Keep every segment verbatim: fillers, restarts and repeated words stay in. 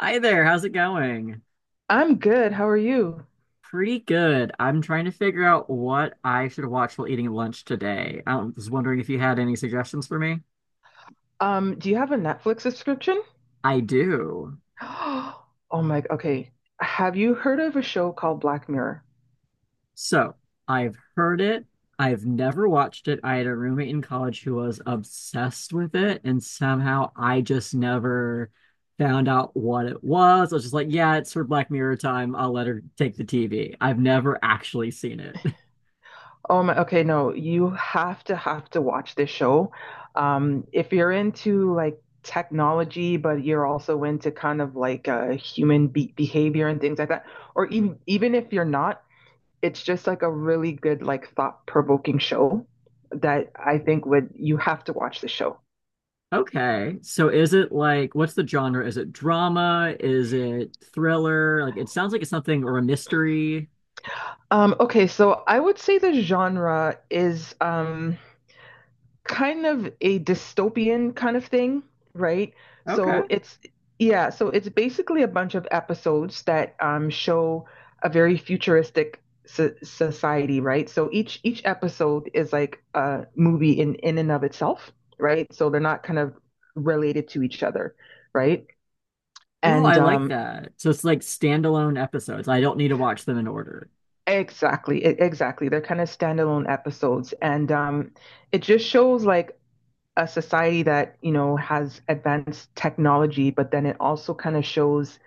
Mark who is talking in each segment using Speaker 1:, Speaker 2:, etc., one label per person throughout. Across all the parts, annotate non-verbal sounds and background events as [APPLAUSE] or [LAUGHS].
Speaker 1: Hi there, how's it going?
Speaker 2: I'm good. How are you?
Speaker 1: Pretty good. I'm trying to figure out what I should watch while eating lunch today. I was wondering if you had any suggestions for me.
Speaker 2: Um, do you have a Netflix subscription?
Speaker 1: I do.
Speaker 2: [GASPS] Oh my, okay. Have you heard of a show called Black Mirror?
Speaker 1: So, I've heard it. I've never watched it. I had a roommate in college who was obsessed with it, and somehow I just never found out what it was. I was just like, yeah, it's for Black Mirror time. I'll let her take the T V. I've never actually seen it. [LAUGHS]
Speaker 2: Oh my, okay, no, you have to have to watch this show. Um, if you're into like technology, but you're also into kind of like uh, human be behavior and things like that, or even even if you're not, it's just like a really good like thought-provoking show that I think would you have to watch the show.
Speaker 1: Okay. So is it like what's the genre? Is it drama? Is it thriller? Like it sounds like it's something or a mystery.
Speaker 2: Um, okay, so I would say the genre is um, kind of a dystopian kind of thing, right?
Speaker 1: Okay.
Speaker 2: So it's, yeah, so it's basically a bunch of episodes that um, show a very futuristic so- society, right? So each each episode is like a movie in in and of itself, right? So they're not kind of related to each other, right?
Speaker 1: Oh,
Speaker 2: And
Speaker 1: I like
Speaker 2: um,
Speaker 1: that. So it's like standalone episodes. I don't need to watch them in order.
Speaker 2: exactly, e- exactly, they're kind of standalone episodes, and um, it just shows like a society that you know has advanced technology but then it also kind of shows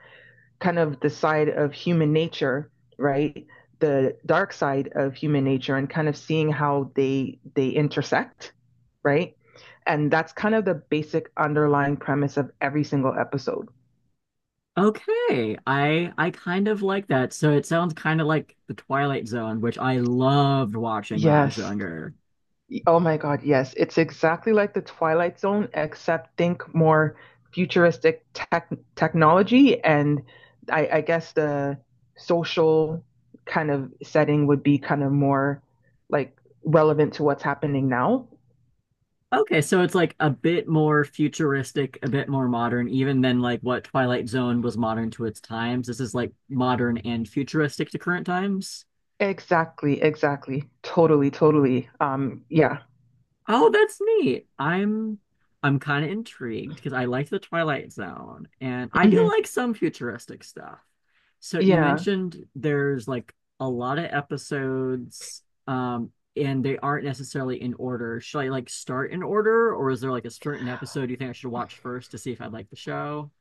Speaker 2: kind of the side of human nature, right, the dark side of human nature and kind of seeing how they they intersect, right, and that's kind of the basic underlying premise of every single episode.
Speaker 1: Okay. I I kind of like that. So it sounds kind of like The Twilight Zone, which I loved watching when I was
Speaker 2: Yes.
Speaker 1: younger.
Speaker 2: Oh my God, yes. It's exactly like the Twilight Zone, except think more futuristic tech technology. And I, I guess the social kind of setting would be kind of more like relevant to what's happening now.
Speaker 1: Okay, so it's like a bit more futuristic, a bit more modern, even than like what Twilight Zone was modern to its times. This is like modern and futuristic to current times.
Speaker 2: Exactly, exactly. Totally, totally. Um, yeah.
Speaker 1: Oh, that's neat. I'm I'm kind of intrigued because I liked the Twilight Zone and I
Speaker 2: Hmm.
Speaker 1: do like some futuristic stuff. So you
Speaker 2: Yeah.
Speaker 1: mentioned there's like a lot of episodes um and they aren't necessarily in order. Should I like start in order or is there like a certain episode you think I should watch first to see if I like the show?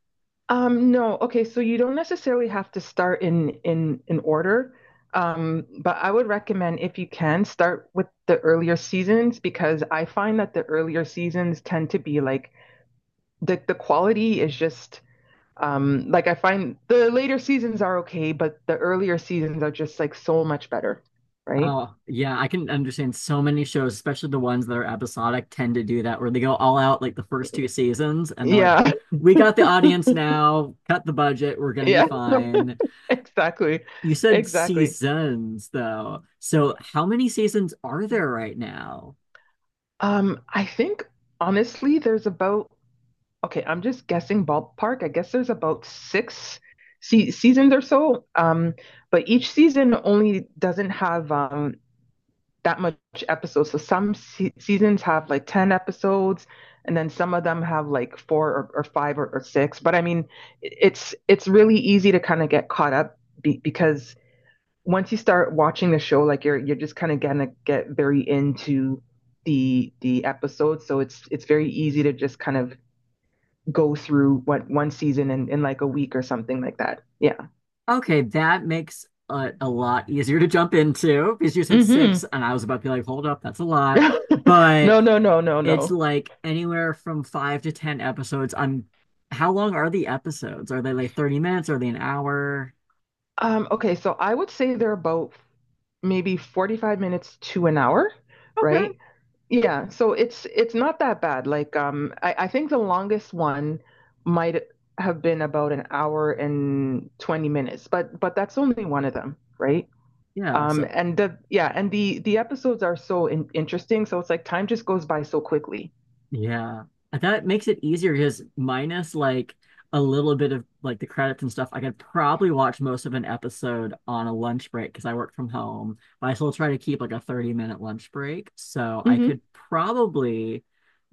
Speaker 2: Um, no, okay, so you don't necessarily have to start in in in order. Um, but I would recommend if you can start with the earlier seasons because I find that the earlier seasons tend to be like the the quality is just um like I find the later seasons are okay, but the earlier seasons are just like so much better, right?
Speaker 1: Oh, yeah, I can understand so many shows, especially the ones that are episodic, tend to do that where they go all out like the first two seasons and they're like,
Speaker 2: Yeah. [LAUGHS]
Speaker 1: we got the audience now, cut the budget, we're gonna be
Speaker 2: Yeah. [LAUGHS]
Speaker 1: fine.
Speaker 2: Exactly.
Speaker 1: You said
Speaker 2: Exactly.
Speaker 1: seasons though. So how many seasons are there right now?
Speaker 2: Um, I think honestly there's about okay, I'm just guessing ballpark. I guess there's about six se seasons or so. Um, but each season only doesn't have um that much episodes. So some se seasons have like ten episodes, and then some of them have like four or, or five or, or six. But I mean, it's it's really easy to kind of get caught up be because once you start watching the show, like you're you're just kind of gonna get very into the the episode. So it's it's very easy to just kind of go through what one season in, in like a week or something like that. Yeah.
Speaker 1: Okay, that makes a, a lot easier to jump into because you said
Speaker 2: Mm-hmm.
Speaker 1: six and I was about to be like, hold up, that's a lot.
Speaker 2: [LAUGHS]
Speaker 1: But
Speaker 2: No, no, no, no,
Speaker 1: it's
Speaker 2: no.
Speaker 1: like anywhere from five to ten episodes. I'm how long are the episodes? Are they like thirty minutes? Are they an hour?
Speaker 2: Um, okay, so I would say they're about maybe forty-five minutes to an hour,
Speaker 1: Okay.
Speaker 2: right? Yeah, so it's it's not that bad. Like um I, I think the longest one might have been about an hour and twenty minutes, but but that's only one of them, right?
Speaker 1: Yeah.
Speaker 2: Um
Speaker 1: So
Speaker 2: and the yeah, and the the episodes are so in- interesting, so it's like time just goes by so quickly.
Speaker 1: yeah. And that makes it easier because minus like a little bit of like the credits and stuff, I could probably watch most of an episode on a lunch break because I work from home. But I still try to keep like a thirty minute lunch break. So I
Speaker 2: Mm-hmm.
Speaker 1: could probably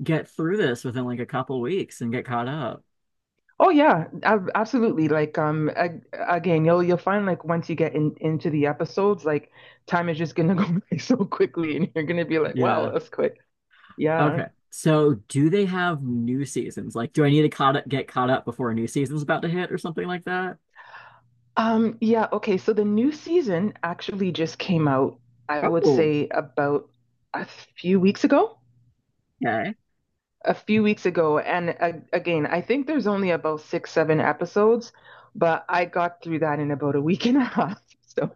Speaker 1: get through this within like a couple weeks and get caught up.
Speaker 2: Oh yeah, ab- absolutely. Like um ag again, you'll you'll find like once you get in into the episodes, like time is just gonna [LAUGHS] go by so quickly and you're gonna be like, wow,
Speaker 1: Yeah.
Speaker 2: that's quick. Yeah.
Speaker 1: Okay. So do they have new seasons? Like, do I need to caught up, get caught up before a new season's about to hit or something like that?
Speaker 2: Um yeah, okay, so the new season actually just came out, I would
Speaker 1: Oh,
Speaker 2: say about a few weeks ago.
Speaker 1: okay.
Speaker 2: A few weeks ago, and uh, again, I think there's only about six, seven episodes, but I got through that in about a week and a half. [LAUGHS] So,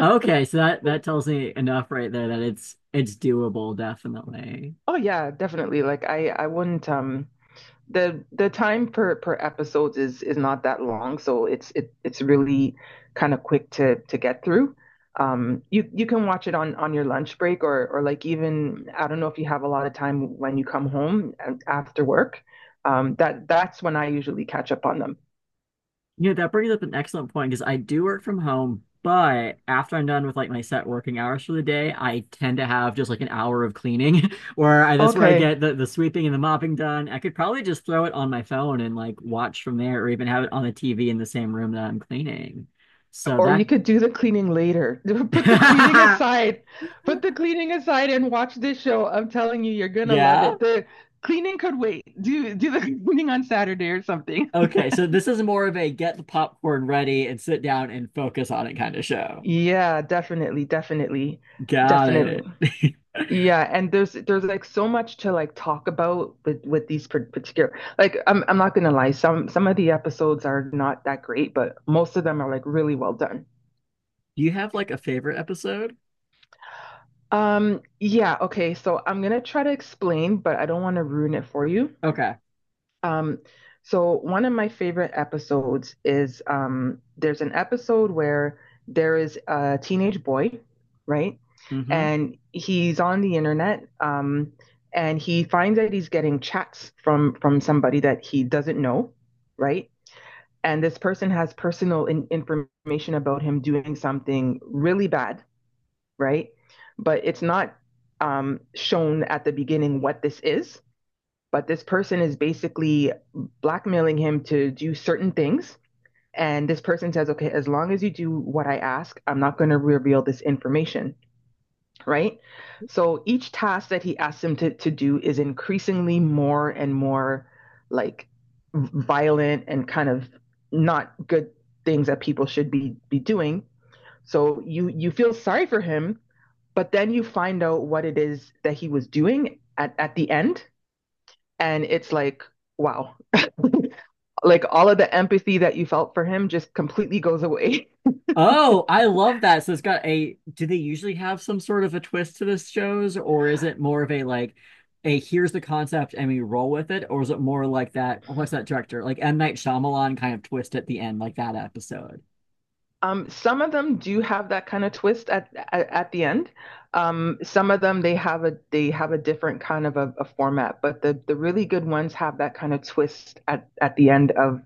Speaker 1: Okay, so that that tells me enough right there that it's it's doable, definitely.
Speaker 2: oh yeah, definitely. Like I I wouldn't um the the time per per episodes is is not that long, so it's it, it's really kind of quick to to get through. Um, you you can watch it on on your lunch break or or like even I don't know if you have a lot of time when you come home after work. Um, that that's when I usually catch up on them.
Speaker 1: You know, that brings up an excellent point because I do work from home, but after I'm done with like my set working hours for the day, I tend to have just like an hour of cleaning [LAUGHS] where I, that's where I
Speaker 2: Okay.
Speaker 1: get the, the sweeping and the mopping done. I could probably just throw it on my phone and like watch from there or even have it on the T V in the same room that I'm cleaning. So
Speaker 2: Or you
Speaker 1: that,
Speaker 2: could do the cleaning later. [LAUGHS] Put the cleaning
Speaker 1: [LAUGHS]
Speaker 2: aside. Put the cleaning aside and watch this show. I'm telling you, you're gonna love
Speaker 1: yeah.
Speaker 2: it. The cleaning could wait. Do do the [LAUGHS] cleaning on Saturday or something.
Speaker 1: Okay. So this is more of a get the popcorn ready and sit down and focus on it kind of show.
Speaker 2: Yeah, definitely, definitely,
Speaker 1: Got
Speaker 2: definitely.
Speaker 1: it. [LAUGHS]
Speaker 2: Yeah, and there's there's like so much to like talk about with with these par- particular like I'm I'm not gonna lie, some some of the episodes are not that great, but most of them are like really well done.
Speaker 1: Do you have like a favorite episode?
Speaker 2: Um, yeah, okay, so I'm gonna try to explain, but I don't want to ruin it for you.
Speaker 1: Okay.
Speaker 2: Um, so one of my favorite episodes is um, there's an episode where there is a teenage boy, right?
Speaker 1: Hmm.
Speaker 2: And he's on the internet, um, and he finds that he's getting chats from from somebody that he doesn't know, right? And this person has personal in- information about him doing something really bad, right? But it's not um, shown at the beginning what this is, but this person is basically blackmailing him to do certain things. And this person says, okay, as long as you do what I ask, I'm not going to reveal this information, right? So each task that he asks him to, to do is increasingly more and more like violent and kind of not good things that people should be, be doing. So you, you feel sorry for him, but then you find out what it is that he was doing at, at the end. And it's like, wow, like all of the empathy that you felt for him just completely goes away. [LAUGHS]
Speaker 1: Oh, I love that. So it's got a, do they usually have some sort of a twist to this shows, or is it more of a like a here's the concept and we roll with it, or is it more like that, what's that director? Like M. Night Shyamalan kind of twist at the end, like that episode.
Speaker 2: Um, some of them do have that kind of twist at at, at the end. Um, some of them they have a they have a different kind of a, a format, but the the really good ones have that kind of twist at at the end of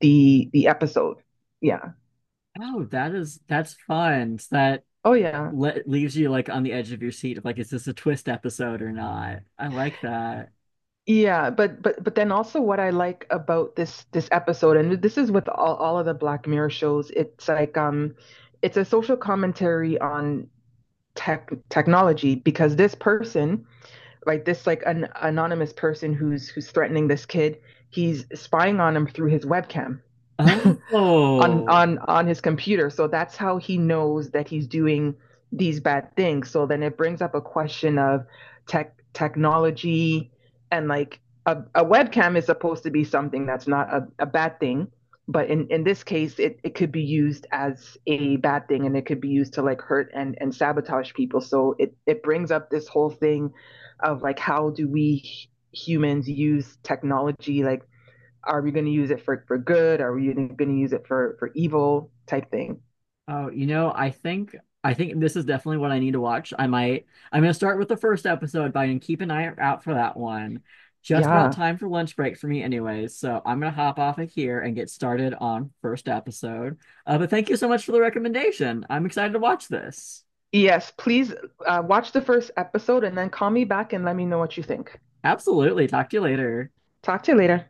Speaker 2: the the episode. Yeah.
Speaker 1: Oh, that is that's fun. So that
Speaker 2: Oh yeah.
Speaker 1: le leaves you like on the edge of your seat of like, is this a twist episode or not? I like that.
Speaker 2: Yeah, but but but then also what I like about this this episode, and this is with all, all of the Black Mirror shows, it's like um it's a social commentary on tech technology because this person like this like an anonymous person who's who's threatening this kid he's spying on him through his webcam [LAUGHS] on
Speaker 1: Oh.
Speaker 2: on on his computer. So that's how he knows that he's doing these bad things. So then it brings up a question of tech technology and like a, a webcam is supposed to be something that's not a, a bad thing. But in, in this case, it, it could be used as a bad thing and it could be used to like hurt and, and sabotage people. So it, it brings up this whole thing of like, how do we humans use technology like are we going to use it for, for good? Are we going to use it for, for evil type thing?
Speaker 1: Oh, you know, I think I think this is definitely what I need to watch. I might I'm gonna start with the first episode, but I can keep an eye out for that one. Just about
Speaker 2: Yeah.
Speaker 1: time for lunch break for me anyways, so I'm gonna hop off of here and get started on first episode. Uh, but thank you so much for the recommendation. I'm excited to watch this.
Speaker 2: Yes, please uh, watch the first episode and then call me back and let me know what you think.
Speaker 1: Absolutely. Talk to you later.
Speaker 2: Talk to you later.